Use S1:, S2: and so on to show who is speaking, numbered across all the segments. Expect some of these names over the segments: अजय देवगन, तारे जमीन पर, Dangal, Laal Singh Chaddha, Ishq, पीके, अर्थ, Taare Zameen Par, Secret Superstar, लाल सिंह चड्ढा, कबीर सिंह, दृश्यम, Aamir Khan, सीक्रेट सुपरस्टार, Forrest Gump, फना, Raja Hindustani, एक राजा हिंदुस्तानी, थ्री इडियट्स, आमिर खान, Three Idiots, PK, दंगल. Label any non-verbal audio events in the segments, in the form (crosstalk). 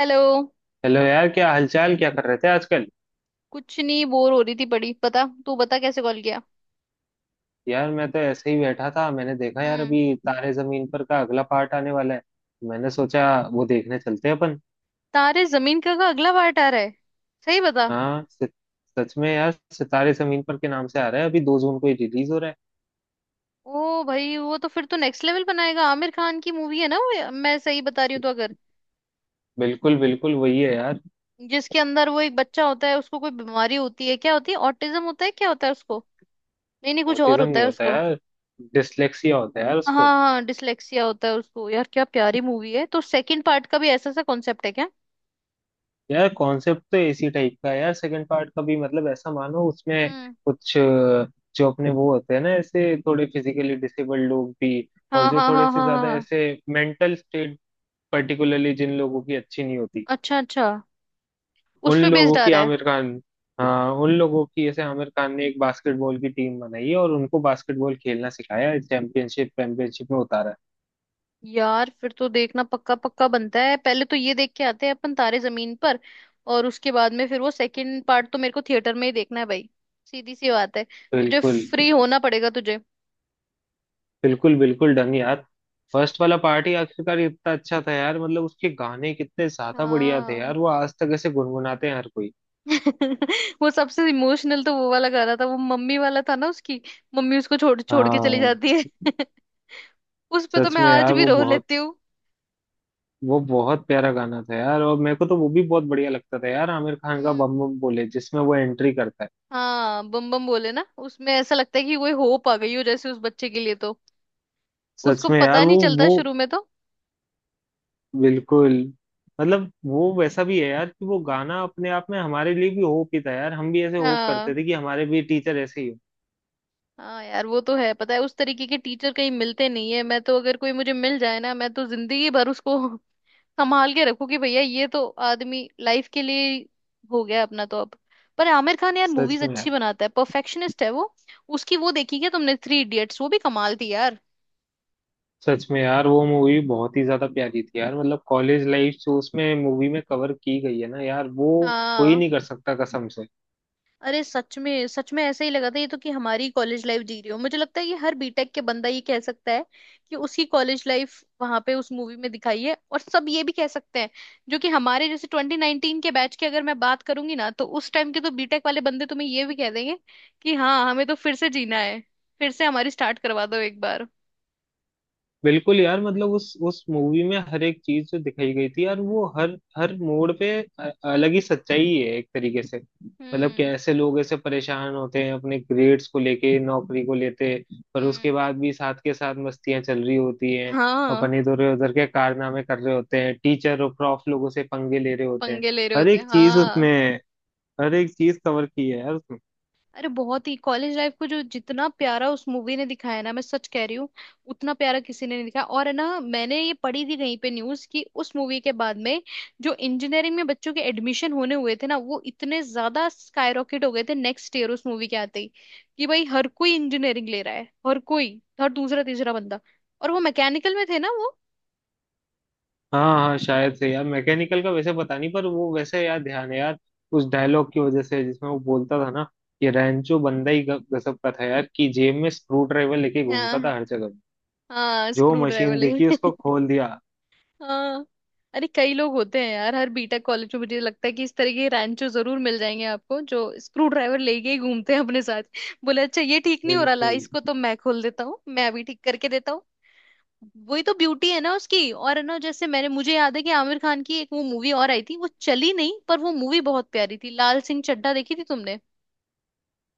S1: Hello.
S2: Hello यार, क्या हालचाल, क्या कर रहे थे आजकल।
S1: कुछ नहीं, बोर हो रही थी बड़ी। पता, तू बता कैसे कॉल किया।
S2: यार मैं तो ऐसे ही बैठा था, मैंने देखा यार
S1: हम्म।
S2: अभी तारे जमीन पर का अगला पार्ट आने वाला है। मैंने सोचा वो देखने चलते हैं अपन।
S1: तारे जमीन का अगला पार्ट आ रहा है? सही बता।
S2: हाँ सच। सच में यार सितारे जमीन पर के नाम से आ रहा है, अभी 2 जून को ही रिलीज हो रहा है।
S1: ओ भाई, वो तो फिर तो नेक्स्ट लेवल बनाएगा। आमिर खान की मूवी है ना वो? मैं सही बता रही हूँ तो? अगर
S2: बिल्कुल बिल्कुल वही है यार।
S1: जिसके अंदर वो एक बच्चा होता है, उसको कोई बीमारी होती है, क्या होती है? ऑटिज्म होता है, क्या होता है उसको? नहीं नहीं, कुछ और
S2: ऑटिज्म
S1: होता
S2: नहीं
S1: है
S2: होता
S1: उसको।
S2: यार, डिसलेक्सिया होता है यार
S1: हाँ।
S2: उसको।
S1: हाँ डिसलेक्सिया होता है उसको। यार क्या प्यारी मूवी है। तो सेकंड पार्ट का भी ऐसा सा कॉन्सेप्ट है क्या?
S2: यार कॉन्सेप्ट तो एसी टाइप का है यार, सेकंड पार्ट का भी, मतलब ऐसा मानो उसमें
S1: हम्म।
S2: कुछ जो अपने वो होते हैं ना, ऐसे थोड़े फिजिकली डिसेबल्ड लोग भी, और
S1: हाँ
S2: जो
S1: हाँ
S2: थोड़े
S1: हाँ हाँ
S2: से
S1: हाँ
S2: ज्यादा
S1: हाँ।
S2: ऐसे मेंटल स्टेट पर्टिकुलरली जिन लोगों की अच्छी नहीं होती,
S1: अच्छा अच्छा। उस
S2: उन
S1: पे बेस्ड
S2: लोगों
S1: आ
S2: की
S1: रहा है।
S2: आमिर खान। हाँ, उन लोगों की ऐसे आमिर खान ने एक बास्केटबॉल की टीम बनाई है और उनको बास्केटबॉल खेलना सिखाया है, चैंपियनशिप चैंपियनशिप में उतारा है।
S1: यार फिर तो देखना पक्का पक्का बनता है। पहले तो ये देख के आते हैं अपन तारे जमीन पर। और उसके बाद में फिर वो सेकंड पार्ट तो मेरे को थिएटर में ही देखना है भाई। सीधी सी बात है। तुझे
S2: बिल्कुल।
S1: फ्री होना पड़ेगा तुझे।
S2: बिल्कुल बिल्कुल डन यार। फर्स्ट वाला पार्ट ही आखिरकार इतना अच्छा था यार, मतलब उसके गाने कितने ज्यादा बढ़िया थे
S1: हाँ।
S2: यार, वो आज तक ऐसे गुनगुनाते हैं हर कोई।
S1: (laughs) वो सबसे इमोशनल तो वो वाला गाना था, वो मम्मी वाला था ना उसकी। मम्मी उसको छोड़ छोड़ के चली
S2: हाँ।
S1: जाती है। (laughs) उस पे तो
S2: सच
S1: मैं
S2: में
S1: आज
S2: यार
S1: भी रो लेती हूँ।
S2: वो बहुत प्यारा गाना था यार। और मेरे को तो वो भी बहुत बढ़िया लगता था यार, आमिर खान का
S1: हम्म।
S2: बम बम बोले जिसमें वो एंट्री करता है।
S1: हाँ बम बम बोले ना, उसमें ऐसा लगता है कि कोई होप आ गई हो जैसे उस बच्चे के लिए तो।
S2: सच
S1: उसको
S2: में यार
S1: पता
S2: वो
S1: नहीं चलता
S2: वो
S1: शुरू में
S2: बिल्कुल। मतलब वो वैसा भी है यार कि वो
S1: तो।
S2: गाना अपने आप में हमारे लिए भी होप ही था यार, हम भी ऐसे होप करते
S1: हाँ।
S2: थे कि हमारे भी टीचर ऐसे ही हो।
S1: हाँ यार वो तो है। पता है उस तरीके के टीचर कहीं मिलते नहीं है। मैं तो अगर कोई मुझे मिल जाए ना, मैं तो जिंदगी भर उसको (laughs) संभाल के रखूं। कि भैया ये तो आदमी लाइफ के लिए हो गया अपना तो अब। पर आमिर खान यार
S2: सच
S1: मूवीज
S2: में
S1: अच्छी
S2: यार।
S1: बनाता है, परफेक्शनिस्ट है वो। उसकी वो देखी क्या तुमने, थ्री इडियट्स? वो भी कमाल थी यार।
S2: सच में यार वो मूवी बहुत ही ज्यादा प्यारी थी यार, मतलब कॉलेज लाइफ जो उसमें मूवी में कवर की गई है ना यार वो कोई
S1: हाँ।
S2: नहीं कर सकता कसम से।
S1: अरे सच में ऐसा ही लगा था ये तो, कि हमारी कॉलेज लाइफ जी रही हो। मुझे लगता है कि हर बीटेक के बंदा ये कह सकता है कि उसकी कॉलेज लाइफ वहां पे उस मूवी में दिखाई है। और सब ये भी कह सकते हैं, जो कि हमारे जैसे 2019 के बैच की अगर मैं बात करूंगी ना, तो उस टाइम के तो बीटेक वाले बंदे तुम्हें ये भी कह देंगे कि हाँ, हमें तो फिर से जीना है। फिर से हमारी स्टार्ट करवा दो एक बार।
S2: बिल्कुल यार, मतलब उस मूवी में हर एक चीज जो दिखाई गई थी यार, वो हर हर मोड़ पे अलग ही सच्चाई है एक तरीके से, मतलब
S1: हम्म।
S2: कैसे लोग ऐसे परेशान होते हैं अपने ग्रेड्स को लेके, नौकरी को लेते। पर उसके
S1: हम्म।
S2: बाद भी साथ के साथ मस्तियां चल रही होती हैं। अपन
S1: हाँ
S2: इधर उधर के कारनामे कर रहे होते हैं, टीचर और प्रॉफ लोगों से पंगे ले रहे होते हैं।
S1: पंगे ले रहे
S2: हर
S1: होते हैं,
S2: एक चीज
S1: हाँ।
S2: उसमें। अरे एक चीज कवर की है यार उसने।
S1: अरे बहुत ही कॉलेज लाइफ को जो जितना प्यारा उस मूवी ने दिखाया ना, मैं सच कह रही हूँ, उतना प्यारा किसी ने नहीं दिखाया। और है ना मैंने ये पढ़ी थी कहीं पे न्यूज़, कि उस मूवी के बाद में जो इंजीनियरिंग में बच्चों के एडमिशन होने हुए थे ना, वो इतने ज्यादा स्काईरॉकेट हो गए थे नेक्स्ट ईयर उस मूवी के आते ही। कि भाई हर कोई इंजीनियरिंग ले रहा है, हर कोई, हर दूसरा तीसरा बंदा। और वो मैकेनिकल में थे ना वो।
S2: हाँ हाँ शायद से यार, मैकेनिकल का वैसे पता नहीं, पर वो वैसे यार ध्यान है यार उस डायलॉग की वजह से जिसमें वो बोलता था ना, कि रैंचो बंदा ही गजब का था यार, कि जेब में स्क्रू ड्राइवर लेके घूमता
S1: हाँ।
S2: था हर जगह,
S1: हाँ
S2: जो
S1: स्क्रू ड्राइवर
S2: मशीन देखी
S1: लगे
S2: उसको
S1: (laughs)
S2: खोल दिया।
S1: हाँ अरे कई लोग होते हैं यार, हर बीटेक कॉलेज में मुझे लगता है कि इस तरह के रैंचो जरूर मिल जाएंगे आपको, जो स्क्रू ड्राइवर लेके ही घूमते हैं अपने साथ। बोले अच्छा ये ठीक नहीं हो रहा, ला
S2: बिल्कुल।
S1: इसको तो मैं खोल देता हूँ, मैं अभी ठीक करके देता हूँ। वही तो ब्यूटी है ना उसकी। और है ना जैसे मैंने, मुझे याद है कि आमिर खान की एक वो मूवी और आई थी, वो चली नहीं पर वो मूवी बहुत प्यारी थी, लाल सिंह चड्ढा देखी थी तुमने?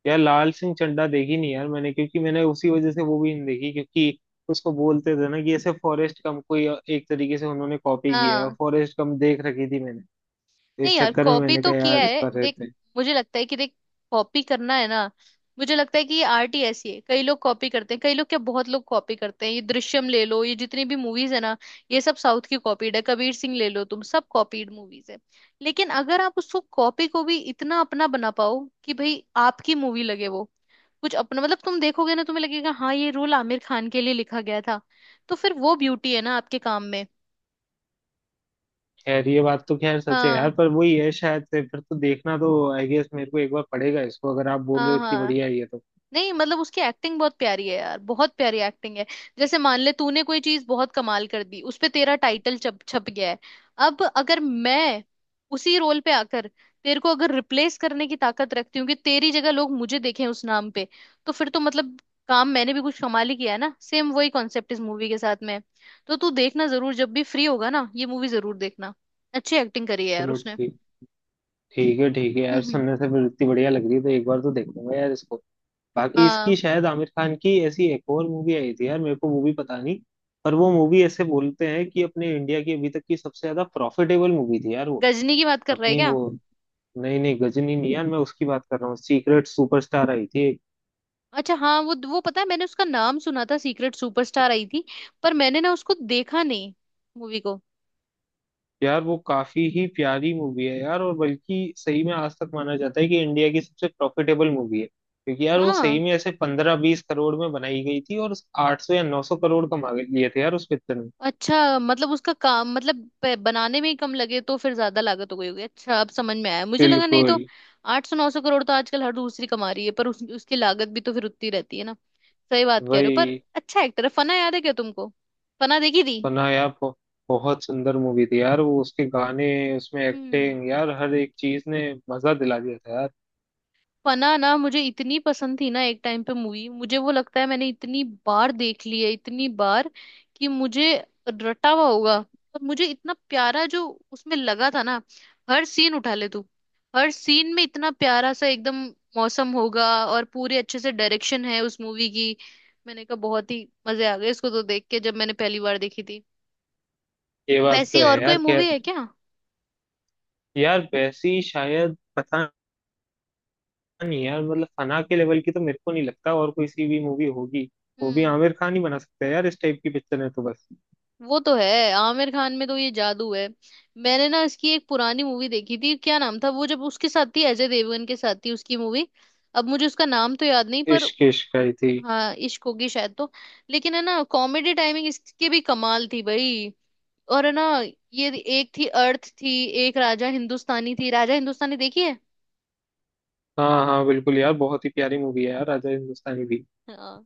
S2: यार लाल सिंह चड्ढा देखी नहीं यार मैंने, क्योंकि मैंने उसी वजह से वो भी नहीं देखी, क्योंकि उसको बोलते थे ना कि ऐसे फॉरेस्ट गम को ही एक तरीके से उन्होंने कॉपी किया है, और
S1: हाँ।
S2: फॉरेस्ट गम देख रखी थी मैंने, तो
S1: नहीं
S2: इस
S1: यार
S2: चक्कर में
S1: कॉपी
S2: मैंने
S1: तो
S2: कहा
S1: किया
S2: यार इस
S1: है
S2: पर
S1: देख,
S2: रहते हैं।
S1: मुझे लगता है कि देख, कॉपी करना है ना। मुझे लगता है कि ये आर्ट ही ऐसी है, कई लोग कॉपी करते हैं, कई लोग क्या बहुत लोग कॉपी करते हैं। ये दृश्यम ले लो, ये जितनी भी मूवीज है ना, ये सब साउथ की कॉपीड है। कबीर सिंह ले लो, तुम सब कॉपीड मूवीज है। लेकिन अगर आप उसको कॉपी को भी इतना अपना बना पाओ कि भाई आपकी मूवी लगे वो, कुछ अपना, मतलब तुम देखोगे ना तुम्हें लगेगा हाँ ये रोल आमिर खान के लिए लिखा गया था, तो फिर वो ब्यूटी है ना आपके काम में।
S2: खैर ये बात तो खैर सच है यार,
S1: हाँ
S2: पर वही है शायद से, फिर तो देखना तो आई गेस मेरे को एक बार पड़ेगा इसको, अगर आप बोल रहे हो
S1: हाँ
S2: इतनी
S1: हाँ।
S2: बढ़िया है ये तो।
S1: नहीं मतलब उसकी एक्टिंग बहुत प्यारी है यार, बहुत प्यारी एक्टिंग है। जैसे मान ले तूने कोई चीज बहुत कमाल कर दी, उस पे तेरा टाइटल छप छप गया है। अब अगर मैं उसी रोल पे आकर तेरे को अगर रिप्लेस करने की ताकत रखती हूँ, कि तेरी जगह लोग मुझे देखें उस नाम पे, तो फिर तो मतलब काम मैंने भी कुछ कमाल ही किया है ना। सेम वही कॉन्सेप्ट इस मूवी के साथ में है। तो तू देखना जरूर, जब भी फ्री होगा ना ये मूवी जरूर देखना। अच्छी एक्टिंग करी है यार
S2: चलो
S1: उसने।
S2: ठीक। ठीक है यार,
S1: हम्म।
S2: सुनने से फिर इतनी बढ़िया लग रही है, तो एक बार तो देखूंगा यार इसको। बाकी इसकी
S1: हाँ
S2: शायद आमिर खान की ऐसी एक और मूवी आई थी यार, मेरे को मूवी पता नहीं, पर वो मूवी ऐसे बोलते हैं कि अपने इंडिया की अभी तक की सबसे ज्यादा प्रॉफिटेबल मूवी थी यार वो।
S1: गजनी की बात कर रहा है
S2: अपनी
S1: क्या?
S2: वो, नहीं नहीं गजनी नहीं यार, मैं उसकी बात कर रहा हूँ, सीक्रेट सुपरस्टार आई थी।
S1: अच्छा हाँ वो पता है मैंने उसका नाम सुना था, सीक्रेट सुपरस्टार आई थी, पर मैंने ना उसको देखा नहीं मूवी को।
S2: यार वो काफी ही प्यारी मूवी है यार, और बल्कि सही में आज तक माना जाता है कि इंडिया की सबसे प्रॉफिटेबल मूवी है, क्योंकि यार वो सही
S1: हाँ।
S2: में ऐसे 15-20 करोड़ में बनाई गई थी, और 800 या 900 करोड़ कमा लिए थे यार उस पिक्चर में।
S1: अच्छा मतलब उसका काम, मतलब बनाने में ही कम लगे तो फिर ज्यादा लागत हो गई होगी, अच्छा अब समझ में आया, मुझे लगा नहीं
S2: बिल्कुल।
S1: तो। 800 नौ सौ करोड़ तो आजकल हर दूसरी कमा रही है, पर उसकी लागत भी तो फिर उतनी रहती है ना। सही बात कह रहे हो पर।
S2: वही
S1: अच्छा एक्टर है। फना याद है क्या तुमको? फना देखी थी?
S2: तो। ना यार बहुत सुंदर मूवी थी यार वो, उसके गाने, उसमें
S1: हम्म।
S2: एक्टिंग यार, हर एक चीज ने मजा दिला दिया था यार।
S1: फना ना मुझे इतनी पसंद थी ना, एक टाइम पे मूवी मुझे, वो लगता है मैंने इतनी बार देख ली है, इतनी बार कि मुझे रटा हुआ होगा। पर मुझे इतना प्यारा जो उसमें लगा था ना, हर सीन उठा ले तू, हर सीन में इतना प्यारा सा एकदम मौसम होगा, और पूरे अच्छे से डायरेक्शन है उस मूवी की। मैंने कहा बहुत ही मजे आ गए इसको तो देख के, जब मैंने पहली बार देखी थी।
S2: ये बात तो
S1: वैसी
S2: है
S1: और कोई
S2: यार
S1: मूवी
S2: खैर।
S1: है क्या?
S2: यार वैसी शायद पता नहीं यार, मतलब फना के लेवल की तो मेरे को नहीं लगता और कोई सी भी मूवी होगी, वो भी
S1: हम्म।
S2: आमिर खान ही बना सकता है यार, इस टाइप की पिक्चर है, तो बस।
S1: वो तो है। आमिर खान में तो ये जादू है। मैंने ना इसकी एक पुरानी मूवी देखी थी, क्या नाम था वो, जब उसके साथ थी अजय देवगन के साथ थी उसकी मूवी, अब मुझे उसका नाम तो याद नहीं पर।
S2: इश्क, इश्क आई थी।
S1: हाँ इश्क होगी शायद तो। लेकिन है ना कॉमेडी टाइमिंग इसकी भी कमाल थी भाई। और है ना ये, एक थी अर्थ थी, एक राजा हिंदुस्तानी थी। राजा हिंदुस्तानी देखी है?
S2: हाँ हाँ बिल्कुल यार, बहुत ही प्यारी मूवी है यार राजा हिंदुस्तानी भी।
S1: हाँ।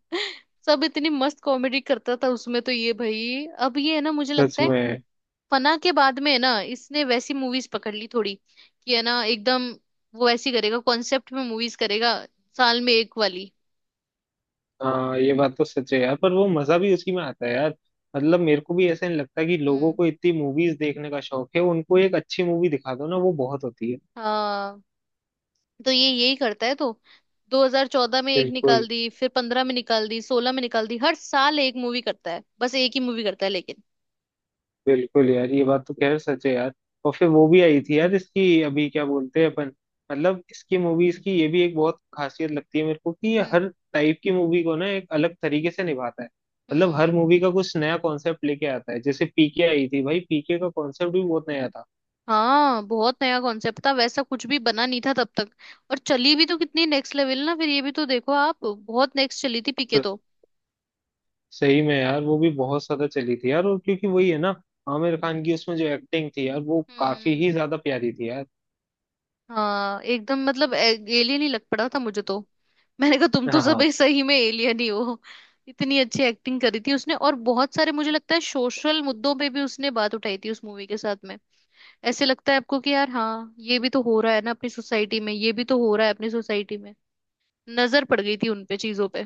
S1: सब इतनी मस्त कॉमेडी करता था उसमें तो, ये भाई अब ये है ना मुझे
S2: सच
S1: लगता है
S2: में।
S1: फना के बाद में है ना, इसने वैसी मूवीज पकड़ ली थोड़ी, कि है ना एकदम वो ऐसी करेगा, कॉन्सेप्ट में मूवीज करेगा, साल में एक वाली।
S2: हाँ ये बात तो सच है यार, पर वो मजा भी उसी में आता है यार, मतलब मेरे को भी ऐसा नहीं लगता कि लोगों
S1: हम्म।
S2: को इतनी मूवीज देखने का शौक है, उनको एक अच्छी मूवी दिखा दो ना वो बहुत होती है।
S1: हाँ तो ये यही करता है। तो 2014 में एक निकाल
S2: बिल्कुल।
S1: दी, फिर 15 में निकाल दी, 16 में निकाल दी, हर साल एक मूवी करता है, बस एक ही मूवी करता है, लेकिन।
S2: बिल्कुल यार ये बात तो खैर सच है यार। और फिर वो भी आई थी यार इसकी अभी, क्या बोलते हैं अपन, मतलब इसकी मूवीज की ये भी एक बहुत खासियत लगती है मेरे को, कि ये
S1: हम्म
S2: हर टाइप की मूवी को ना एक अलग तरीके से निभाता है, मतलब हर
S1: हम्म।
S2: मूवी का कुछ नया कॉन्सेप्ट लेके आता है, जैसे पीके आई थी भाई, पीके का कॉन्सेप्ट भी बहुत नया था।
S1: हाँ बहुत नया कॉन्सेप्ट था, वैसा कुछ भी बना नहीं था तब तक। और चली भी तो कितनी नेक्स्ट लेवल ना, फिर ये भी तो देखो आप, बहुत नेक्स्ट चली थी पीके तो।
S2: स- सही में यार वो भी बहुत ज्यादा चली थी यार, और क्योंकि वही है ना, आमिर खान की उसमें जो एक्टिंग थी यार वो काफी
S1: हम्म।
S2: ही ज्यादा प्यारी थी यार।
S1: हाँ एकदम, मतलब एलियन ही लग पड़ा था मुझे तो। मैंने कहा तुम तो सब
S2: हाँ
S1: एक सही में एलियन ही हो। इतनी अच्छी एक्टिंग करी थी उसने, और बहुत सारे मुझे लगता है सोशल मुद्दों पे भी उसने बात उठाई थी उस मूवी के साथ में। ऐसे लगता है आपको कि यार हाँ ये भी तो हो रहा है ना अपनी सोसाइटी में, ये भी तो हो रहा है अपनी सोसाइटी में, नजर पड़ गई थी उनपे चीजों पे।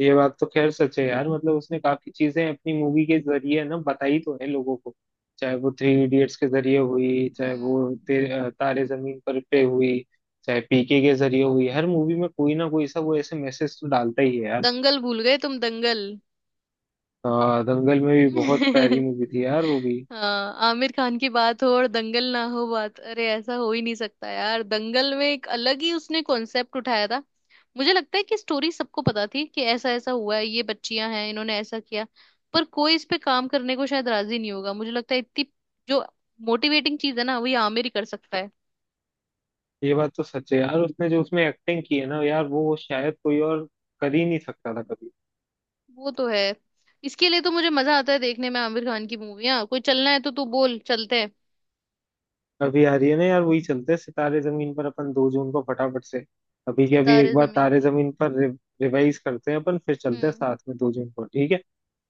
S2: ये बात तो खैर सच है यार, मतलब उसने काफी चीजें अपनी मूवी के जरिए ना बताई तो है लोगों को, चाहे वो थ्री इडियट्स के जरिए हुई, चाहे
S1: हम्म।
S2: वो तारे जमीन पर पे हुई, चाहे पीके के जरिए हुई, हर मूवी में कोई ना कोई सा वो ऐसे मैसेज तो डालता ही है यार।
S1: दंगल भूल गए तुम, दंगल।
S2: दंगल में भी बहुत प्यारी
S1: (laughs)
S2: मूवी थी यार वो भी।
S1: हाँ आमिर खान की बात हो और दंगल ना हो बात, अरे ऐसा हो ही नहीं सकता यार। दंगल में एक अलग ही उसने कॉन्सेप्ट उठाया था। मुझे लगता है कि स्टोरी सबको पता थी कि ऐसा ऐसा हुआ है, ये बच्चियां हैं इन्होंने ऐसा किया, पर कोई इस पे काम करने को शायद राजी नहीं होगा। मुझे लगता है इतनी जो मोटिवेटिंग चीज है ना, वही आमिर ही कर सकता है।
S2: ये बात तो सच है यार, उसने जो उसमें एक्टिंग की है ना यार, वो शायद कोई और कर ही नहीं सकता था कभी।
S1: वो तो है। इसके लिए तो मुझे मजा आता है देखने में आमिर खान की मूवियां। कोई चलना है तो तू बोल, चलते हैं।
S2: अभी आ रही है ना यार वही, चलते हैं सितारे जमीन पर अपन 2 जून को फटाफट से। अभी के अभी
S1: सितारे
S2: एक बार
S1: जमीन
S2: तारे
S1: पर।
S2: जमीन पर रिवाइज करते हैं अपन, फिर चलते हैं
S1: हम्म।
S2: साथ में 2 जून को, ठीक है।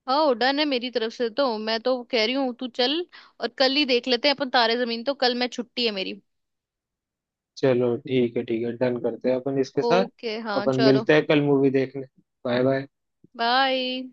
S1: हाँ डन है मेरी तरफ से तो, मैं तो कह रही हूँ तू चल। और कल ही देख लेते हैं अपन तारे जमीन, तो कल मैं छुट्टी है मेरी।
S2: चलो ठीक है ठीक है, डन करते हैं अपन इसके साथ।
S1: ओके हाँ
S2: अपन
S1: चलो।
S2: मिलते हैं कल मूवी देखने। Bye bye.
S1: बाय।